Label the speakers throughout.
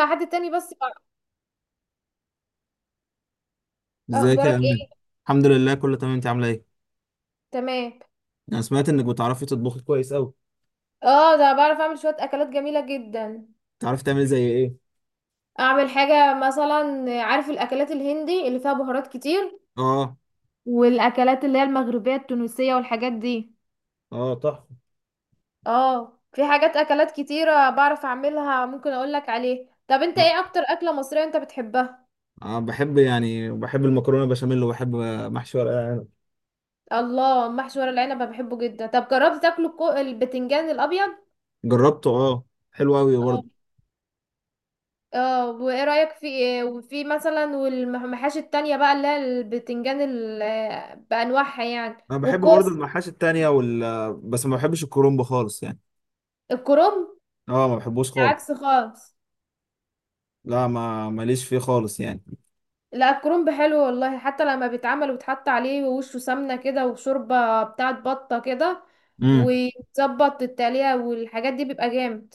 Speaker 1: مع حد تاني بس بعرف.
Speaker 2: ازيك يا
Speaker 1: اخبارك
Speaker 2: امان؟
Speaker 1: ايه؟
Speaker 2: الحمد لله، كله تمام. انت عامله ايه؟
Speaker 1: تمام.
Speaker 2: انا سمعت انك بتعرفي تطبخي كويس قوي.
Speaker 1: اه، ده بعرف اعمل شوية اكلات جميلة جدا.
Speaker 2: بتعرفي تعملي زي ايه؟
Speaker 1: اعمل حاجة مثلا، عارف الاكلات الهندي اللي فيها بهارات كتير
Speaker 2: اه.
Speaker 1: والاكلات اللي هي المغربية التونسية والحاجات دي.
Speaker 2: اه، تحفه.
Speaker 1: اه، في حاجات اكلات كتيرة بعرف اعملها ممكن اقولك عليه. طب انت
Speaker 2: اه.
Speaker 1: ايه اكتر اكلة مصرية انت بتحبها؟
Speaker 2: بحب، يعني بحب المكرونه بشاميل، وبحب محشي ورق العنب.
Speaker 1: الله، محشي ورق العنب أنا بحبه جدا. طب جربت تاكله البتنجان الابيض؟
Speaker 2: جربته، اه. حلو قوي
Speaker 1: اه.
Speaker 2: برضه.
Speaker 1: اه، وايه رأيك في ايه؟ وفي مثلا والمحاشي التانية بقى اللي هي البتنجان بأنواعها يعني
Speaker 2: انا بحب برضه
Speaker 1: والكوس.
Speaker 2: المحاشي التانية، وال آه، بس ما بحبش الكرنب خالص يعني.
Speaker 1: الكرنب.
Speaker 2: اه، ما بحبوش خالص.
Speaker 1: العكس خالص.
Speaker 2: لا، ما ماليش فيه خالص يعني.
Speaker 1: لا، الكرنب حلو والله، حتى لما بيتعمل وتحط عليه ووشه سمنة كده وشوربة بتاعت بطة كده
Speaker 2: امم.
Speaker 1: وتظبط التقلية والحاجات دي بيبقى جامد.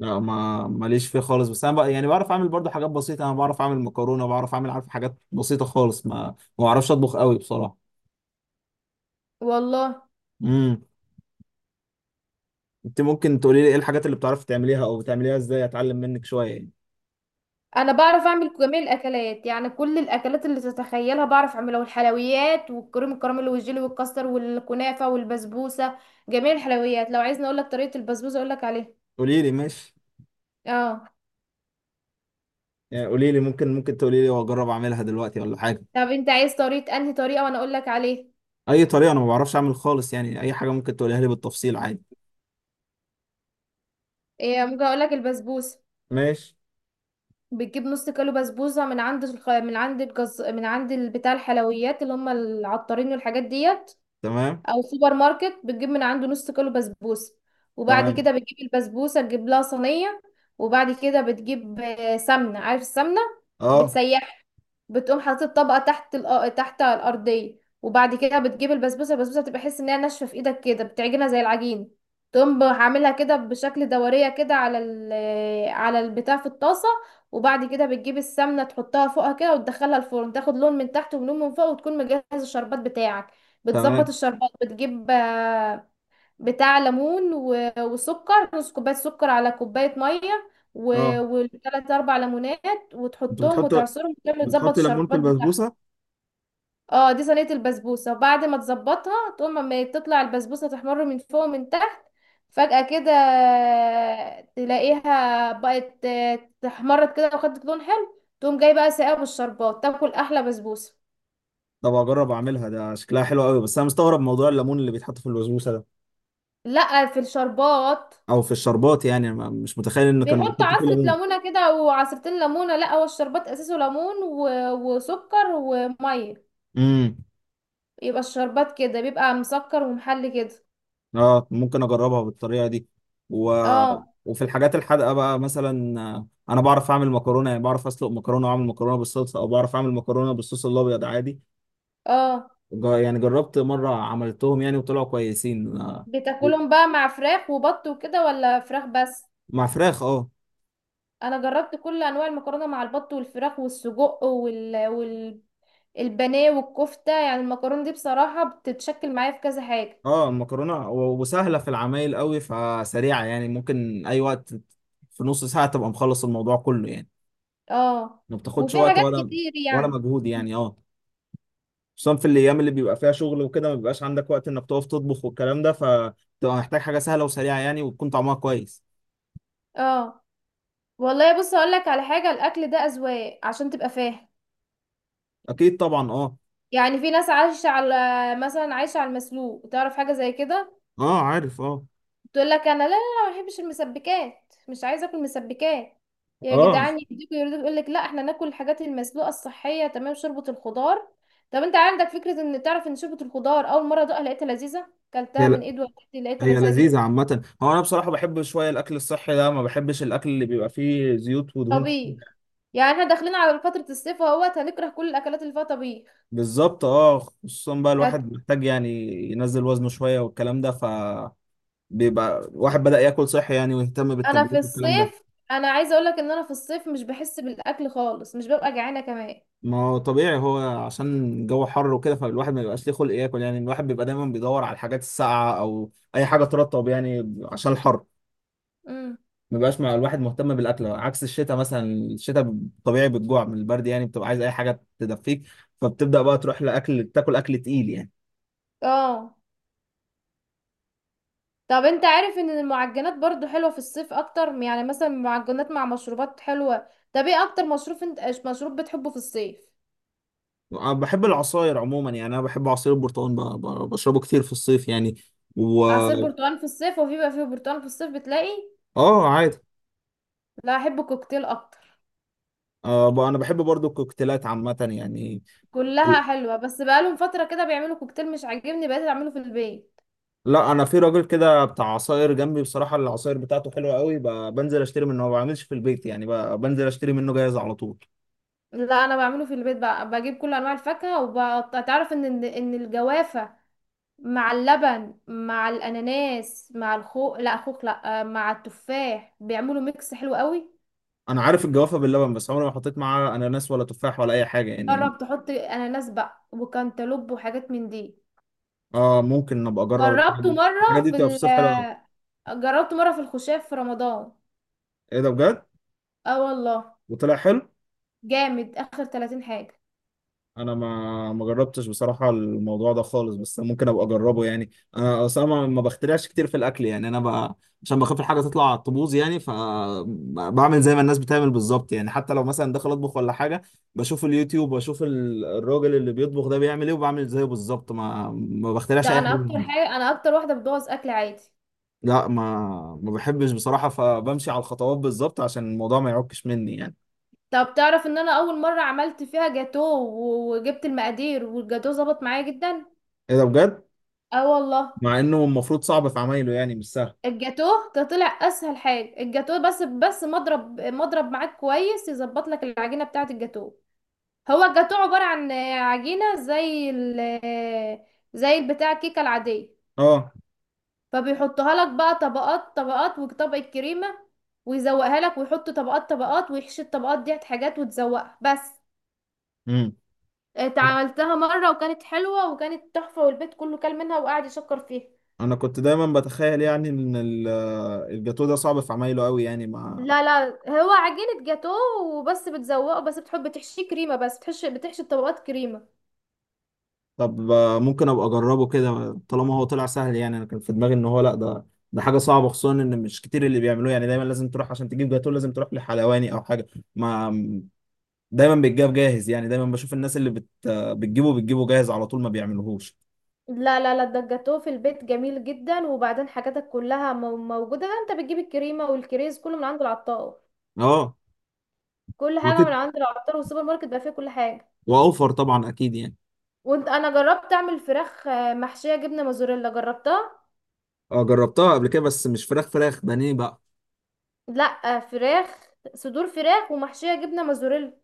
Speaker 2: لا، ما ماليش فيه خالص. بس انا بقى يعني بعرف اعمل برضه حاجات بسيطه. انا بعرف اعمل مكرونه، بعرف اعمل، عارف حاجات بسيطه خالص. ما بعرفش اطبخ قوي بصراحه.
Speaker 1: والله،
Speaker 2: امم. انت ممكن تقولي لي ايه الحاجات اللي بتعرفي تعمليها او بتعمليها ازاي، اتعلم منك شويه يعني.
Speaker 1: انا بعرف اعمل جميع الاكلات، يعني كل الاكلات اللي تتخيلها بعرف اعملها، والحلويات والكريم الكراميل والجيلي والكاستر والكنافه والبسبوسه. جميع الحلويات. لو عايزني اقول لك طريقه البسبوسه اقول لك عليها.
Speaker 2: قولي لي، ماشي.
Speaker 1: اه.
Speaker 2: يعني قولي لي، ممكن تقولي لي واجرب اعملها دلوقتي ولا حاجه.
Speaker 1: طب انت عايز طريقه انهي طريقه وانا اقول لك عليه؟
Speaker 2: اي طريقه، انا ما بعرفش اعمل خالص يعني. اي حاجه ممكن تقوليها لي بالتفصيل عادي.
Speaker 1: إيه، ممكن اقول لك البسبوسه.
Speaker 2: ماشي.
Speaker 1: بتجيب نص كيلو بسبوسه من عند الخ... من عند الجز... من عند بتاع الحلويات اللي هم العطارين والحاجات دي،
Speaker 2: تمام.
Speaker 1: او سوبر ماركت بتجيب من عنده نص كيلو بسبوسه. وبعد
Speaker 2: تمام.
Speaker 1: كده بتجيب البسبوسه، تجيب لها صينيه. وبعد كده بتجيب سمنه، عارف السمنه؟
Speaker 2: اه.
Speaker 1: بتسيح. بتقوم حاطط الطبقه تحت تحت الارضيه. وبعد كده بتجيب البسبوسه. البسبوسه بتبقى حس انها ناشفه في ايدك كده، بتعجنها زي العجين. تقوم عاملها كده بشكل دوريه كده على البتاع في الطاسه. وبعد كده بتجيب السمنه تحطها فوقها كده وتدخلها الفرن، تاخد لون من تحت ولون من فوق، وتكون مجهز الشربات بتاعك. بتظبط
Speaker 2: تمام.
Speaker 1: الشربات، بتجيب بتاع ليمون وسكر، نص كوباية سكر على كوباية مية
Speaker 2: اه،
Speaker 1: والتلات أربع ليمونات
Speaker 2: انت
Speaker 1: وتحطهم
Speaker 2: بتحط
Speaker 1: وتعصرهم وتعمل تظبط
Speaker 2: بتحط ليمون في
Speaker 1: الشربات بتاعهم.
Speaker 2: البسبوسه؟
Speaker 1: اه، دي صينية البسبوسة. وبعد ما تظبطها تقوم، اما تطلع البسبوسة تحمر من فوق ومن تحت فجأة كده، تلاقيها بقت تحمرت كده وخدت لون حلو. تقوم جاي بقى ساقع بالشربات، تاكل أحلى بسبوسة.
Speaker 2: طب اجرب اعملها، ده شكلها حلو قوي. بس انا مستغرب موضوع الليمون اللي بيتحط في البسبوسه ده.
Speaker 1: لا، في الشربات.
Speaker 2: او في الشربات يعني. أنا مش متخيل ان كانوا
Speaker 1: بيحط
Speaker 2: بيحطوا فيه
Speaker 1: عصرة
Speaker 2: ليمون.
Speaker 1: ليمونة كده او عصرتين ليمونة. لا، هو الشربات اساسه ليمون وسكر ومية.
Speaker 2: امم.
Speaker 1: يبقى الشربات كده بيبقى مسكر ومحلي كده.
Speaker 2: اه، ممكن اجربها بالطريقه دي. و...
Speaker 1: اه.
Speaker 2: وفي الحاجات الحادقه بقى، مثلا، انا بعرف اعمل مكرونه. يعني بعرف اسلق مكرونه واعمل مكرونه بالصلصه، او بعرف اعمل مكرونه بالصوص الابيض عادي.
Speaker 1: اه،
Speaker 2: يعني جربت مره عملتهم يعني وطلعوا كويسين. و-
Speaker 1: بتاكلهم بقى مع فراخ وبط وكده ولا فراخ بس؟
Speaker 2: مع فراخ، اه.
Speaker 1: انا جربت كل انواع المكرونة مع البط والفراخ والسجق البانيه والكفتة، يعني المكرونة دي بصراحة بتتشكل معايا في كذا حاجة.
Speaker 2: اه، المكرونه و- وسهله في العمايل قوي، فسريعه يعني، ممكن اي وقت. في نص ساعه تبقى مخلص الموضوع كله يعني.
Speaker 1: اه،
Speaker 2: ما بتاخدش
Speaker 1: وفي
Speaker 2: وقت
Speaker 1: حاجات
Speaker 2: ولا.
Speaker 1: كتير
Speaker 2: ولا
Speaker 1: يعني.
Speaker 2: مجهود يعني،
Speaker 1: مم.
Speaker 2: اه. خصوصا في الايام اللي بيبقى فيها شغل وكده، ما بيبقاش عندك وقت انك تقف تطبخ والكلام ده، فتبقى محتاج حاجه سهله وسريعه يعني وتكون طعمها كويس.
Speaker 1: اه، والله بص هقول لك على حاجه، الاكل ده اذواق عشان تبقى فاهم.
Speaker 2: اكيد طبعا، اه.
Speaker 1: يعني في ناس عايشه على مثلا عايشه على المسلوق، تعرف حاجه زي كده.
Speaker 2: اه، عارف، اه.
Speaker 1: تقول لك انا لا، لا. لا، ما بحبش المسبكات مش عايزه اكل مسبكات. يا
Speaker 2: اه.
Speaker 1: جدعان، يهديكوا يرضيكوا، يقول لك لا احنا ناكل الحاجات المسلوقه الصحيه تمام، شوربه الخضار. طب انت عندك فكره ان تعرف ان شوربه الخضار اول مره ادوقها لقيتها لذيذه؟
Speaker 2: هي
Speaker 1: كلتها من
Speaker 2: ل...
Speaker 1: ايد والدتي لقيتها
Speaker 2: هي
Speaker 1: لذيذه جدا.
Speaker 2: لذيذه عامه. هو انا بصراحه بحب شويه الاكل الصحي ده، ما بحبش الاكل اللي بيبقى فيه زيوت ودهون.
Speaker 1: طبيخ. يعني احنا داخلين على فتره الصيف اهوت، هنكره كل الاكلات اللي فيها طبيخ.
Speaker 2: بالظبط، اه. خصوصا بقى الواحد محتاج يعني ينزل وزنه شويه والكلام ده. بيبقى الواحد بدأ ياكل صحي يعني، ويهتم
Speaker 1: انا في
Speaker 2: بالتمرين والكلام ده.
Speaker 1: الصيف انا عايزه اقول لك ان انا في الصيف مش بحس بالاكل خالص مش ببقى جعانه كمان.
Speaker 2: ما هو طبيعي، هو عشان الجو حر وكده، فالواحد ما بيبقاش ليه خلق ياكل يعني. الواحد بيبقى دايما بيدور على الحاجات الساقعه او اي حاجه ترطب يعني عشان الحر.
Speaker 1: امم.
Speaker 2: ما بيبقاش مع الواحد مهتم بالاكل، عكس الشتاء مثلا. الشتاء طبيعي بتجوع من البرد يعني، بتبقى عايز اي حاجه تدفيك، فبتبدا بقى تروح لاكل، تاكل اكل تقيل يعني.
Speaker 1: اه. طب انت عارف ان المعجنات برضو حلوه في الصيف اكتر، يعني مثلا معجنات مع مشروبات حلوه. طب ايه اكتر مشروب انت مشروب بتحبه في الصيف؟
Speaker 2: أنا بحب العصاير عموما يعني. انا بحب عصير البرتقال، بشربه كتير في الصيف يعني. و
Speaker 1: عصير برتقال في الصيف؟ وفي بقى فيه برتقال في الصيف بتلاقي؟
Speaker 2: اه، عادي.
Speaker 1: لا، احب الكوكتيل اكتر.
Speaker 2: انا بحب برضو الكوكتيلات عامه يعني.
Speaker 1: كلها حلوه، بس بقالهم فتره كده بيعملوا كوكتيل مش عاجبني، بقيت اعمله في البيت.
Speaker 2: لا، انا في راجل كده بتاع عصاير جنبي بصراحه، العصاير بتاعته حلوه قوي. بنزل اشتري منه، ما بعملش في البيت يعني. بنزل اشتري منه جاهز على طول.
Speaker 1: لا، انا بعمله في البيت بقى، بجيب كل انواع الفاكهه وبقطع، تعرف ان ان إن الجوافه مع اللبن مع الاناناس مع الخوخ، لا خوخ، لا، مع التفاح بيعملوا ميكس حلو قوي.
Speaker 2: انا عارف الجوافه باللبن، بس عمري ما حطيت معاه اناناس ولا تفاح ولا اي حاجه يعني.
Speaker 1: جرب تحط اناناس بقى وكانتالوب وحاجات من دي.
Speaker 2: اه، ممكن ابقى اجرب الحاجه
Speaker 1: جربته
Speaker 2: دي،
Speaker 1: مره
Speaker 2: الحاجه دي
Speaker 1: في
Speaker 2: بتبقى
Speaker 1: ال
Speaker 2: في الصيف حلوه قوي.
Speaker 1: جربته مره في الخشاف في رمضان.
Speaker 2: ايه ده بجد؟
Speaker 1: اه والله.
Speaker 2: وطلع حلو؟
Speaker 1: جامد، اخر 30 حاجه.
Speaker 2: انا ما جربتش بصراحه الموضوع ده خالص، بس ممكن ابقى اجربه يعني. انا اصلا ما بخترعش كتير في الاكل يعني. عشان بخاف الحاجه تطلع تبوظ يعني، فبعمل زي ما الناس بتعمل بالظبط يعني. حتى لو مثلا داخل اطبخ ولا حاجه، بشوف اليوتيوب واشوف الراجل اللي بيطبخ ده بيعمل ايه وبعمل زيه بالظبط. ما بخترعش
Speaker 1: ده
Speaker 2: اي حاجه جديدة.
Speaker 1: انا اكتر واحده بتبوظ اكل عادي.
Speaker 2: لا، ما بحبش بصراحه، فبمشي على الخطوات بالظبط عشان الموضوع ما يعكش مني يعني.
Speaker 1: طب تعرف ان انا اول مره عملت فيها جاتو وجبت المقادير والجاتو ظبط معايا جدا.
Speaker 2: ايه ده بجد؟
Speaker 1: اه والله.
Speaker 2: مع انه المفروض صعب في عمايله يعني، مش سهل.
Speaker 1: الجاتوه ده طلع اسهل حاجه، الجاتوه بس مضرب مضرب معاك كويس يظبط لك العجينه بتاعه الجاتوه. هو الجاتوه عباره عن عجينه زي البتاع الكيكه العاديه.
Speaker 2: اه.
Speaker 1: فبيحطها لك بقى طبقات طبقات وطبق الكريمه، ويزوقها لك ويحط طبقات طبقات ويحشي الطبقات دي حاجات وتزوقها بس.
Speaker 2: امم.
Speaker 1: اتعملتها مره وكانت حلوه وكانت تحفه، والبيت كله كل منها وقعد يشكر فيها.
Speaker 2: انا كنت دايما بتخيل يعني ان الجاتو ده صعب في عمايله قوي يعني ما
Speaker 1: لا، لا. هو عجينة جاتوه وبس، بتزوقه بس، بتحب بتحشيه كريمة بس، بتحشي الطبقات كريمة.
Speaker 2: طب ممكن ابقى اجربه كده طالما هو طلع سهل يعني. انا كان في دماغي ان هو، لا، ده حاجه صعبه، خصوصا ان مش كتير اللي بيعملوه يعني. دايما لازم تروح عشان تجيب جاتو، لازم تروح لحلواني او حاجه. ما دايما بيتجاب جاهز يعني. دايما بشوف الناس اللي بت... آه، بتجيبه جاهز على طول، ما بيعملوهوش.
Speaker 1: لا، لا، لا، ده الجاتوه في البيت جميل جدا، وبعدين حاجاتك كلها موجودة، انت بتجيب الكريمة والكريز كله من عند العطار.
Speaker 2: اه،
Speaker 1: كل حاجة
Speaker 2: وكده.
Speaker 1: من عند العطار، والسوبر ماركت بقى فيه كل حاجة.
Speaker 2: واوفر طبعا، اكيد يعني.
Speaker 1: انا جربت اعمل فراخ محشية جبنة موزاريلا، جربتها.
Speaker 2: اه، جربتها قبل كده، بس مش فراخ، فراخ بانيه بقى.
Speaker 1: لا، فراخ. صدور فراخ ومحشية جبنة موزاريلا،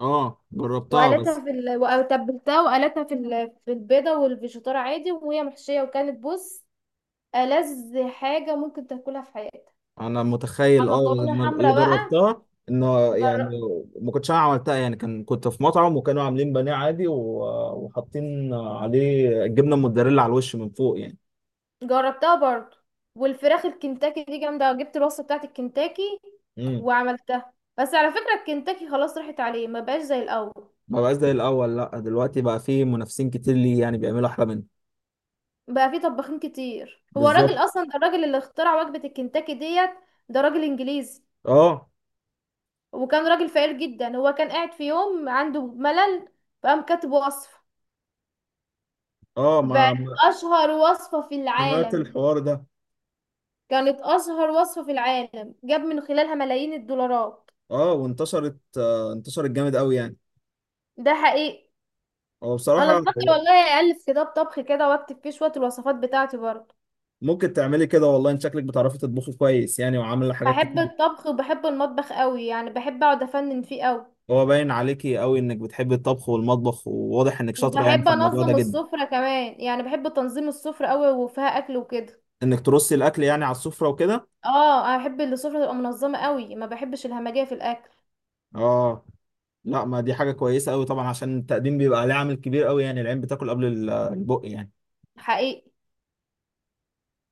Speaker 2: اه، جربتها
Speaker 1: وقالتها
Speaker 2: بس.
Speaker 1: وتبلتها وقالتها في البيضة والفيجيتار عادي، وهي محشية، وكانت بص، ألذ حاجة ممكن تاكلها في حياتك.
Speaker 2: انا متخيل، اه، بس أنا
Speaker 1: مكرونة
Speaker 2: اللي
Speaker 1: حمرا بقى.
Speaker 2: جربتها. انه
Speaker 1: جر...
Speaker 2: يعني، ما كنتش انا عملتها يعني. كنت في مطعم وكانوا عاملين بانيه عادي وحاطين عليه الجبنه الموتزاريلا على الوش من فوق يعني.
Speaker 1: جربتها برضو. والفراخ الكنتاكي دي جامدة، جبت الوصفة بتاعت الكنتاكي
Speaker 2: امم.
Speaker 1: وعملتها، بس على فكرة الكنتاكي خلاص راحت عليه ما بقاش زي الأول.
Speaker 2: ما بقاش زي الاول، لا دلوقتي بقى في منافسين كتير ليه يعني، بيعملوا احلى منه.
Speaker 1: بقى فيه طباخين كتير. هو الراجل
Speaker 2: بالظبط،
Speaker 1: أصلا ده، الراجل اللي اخترع وجبة الكنتاكي ديت، ده راجل إنجليزي،
Speaker 2: اه.
Speaker 1: وكان راجل فقير جدا. هو كان قاعد في يوم عنده ملل فقام كاتب وصفة
Speaker 2: اه ما
Speaker 1: بقت
Speaker 2: ما-
Speaker 1: أشهر وصفة في
Speaker 2: سمعت
Speaker 1: العالم.
Speaker 2: الحوار ده.
Speaker 1: كانت أشهر وصفة في العالم، جاب من خلالها ملايين الدولارات.
Speaker 2: اه، وانتشرت. آه، انتشرت جامد قوي يعني.
Speaker 1: ده حقيقي.
Speaker 2: هو
Speaker 1: أنا
Speaker 2: بصراحه.
Speaker 1: بفكر والله ألف كتاب طبخ كده وأكتب فيه شوية الوصفات بتاعتي برضه.
Speaker 2: ممكن تعملي كده والله، ان شكلك بتعرفي تطبخي كويس يعني، وعامله حاجات
Speaker 1: بحب
Speaker 2: كتير.
Speaker 1: الطبخ وبحب المطبخ قوي، يعني بحب أقعد أفنن فيه قوي.
Speaker 2: هو باين عليكي قوي انك بتحبي الطبخ والمطبخ، وواضح انك شاطره يعني
Speaker 1: وبحب
Speaker 2: في الموضوع ده
Speaker 1: أنظم
Speaker 2: جدا.
Speaker 1: السفرة كمان، يعني بحب تنظيم السفرة قوي وفيها أكل وكده.
Speaker 2: انك ترصي الاكل يعني على السفره وكده.
Speaker 1: اه، أنا بحب إن السفرة تبقى منظمة قوي، ما بحبش الهمجية في الأكل.
Speaker 2: اه. لا، ما دي حاجه كويسه قوي طبعا، عشان التقديم بيبقى ليه عامل كبير قوي يعني. العين بتاكل قبل البق يعني.
Speaker 1: حقيقي.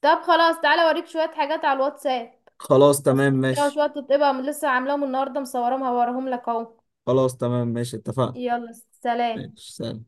Speaker 1: طب خلاص، تعالى أوريك شوية حاجات على الواتساب،
Speaker 2: خلاص، تمام،
Speaker 1: وصفات كده
Speaker 2: ماشي.
Speaker 1: وشوية تطيبها من لسه عاملاهم النهاردة مصورهم هوريهم لك أهو.
Speaker 2: خلاص، تمام، ماشي، اتفقنا.
Speaker 1: يلا. سلام.
Speaker 2: ماشي، سلام.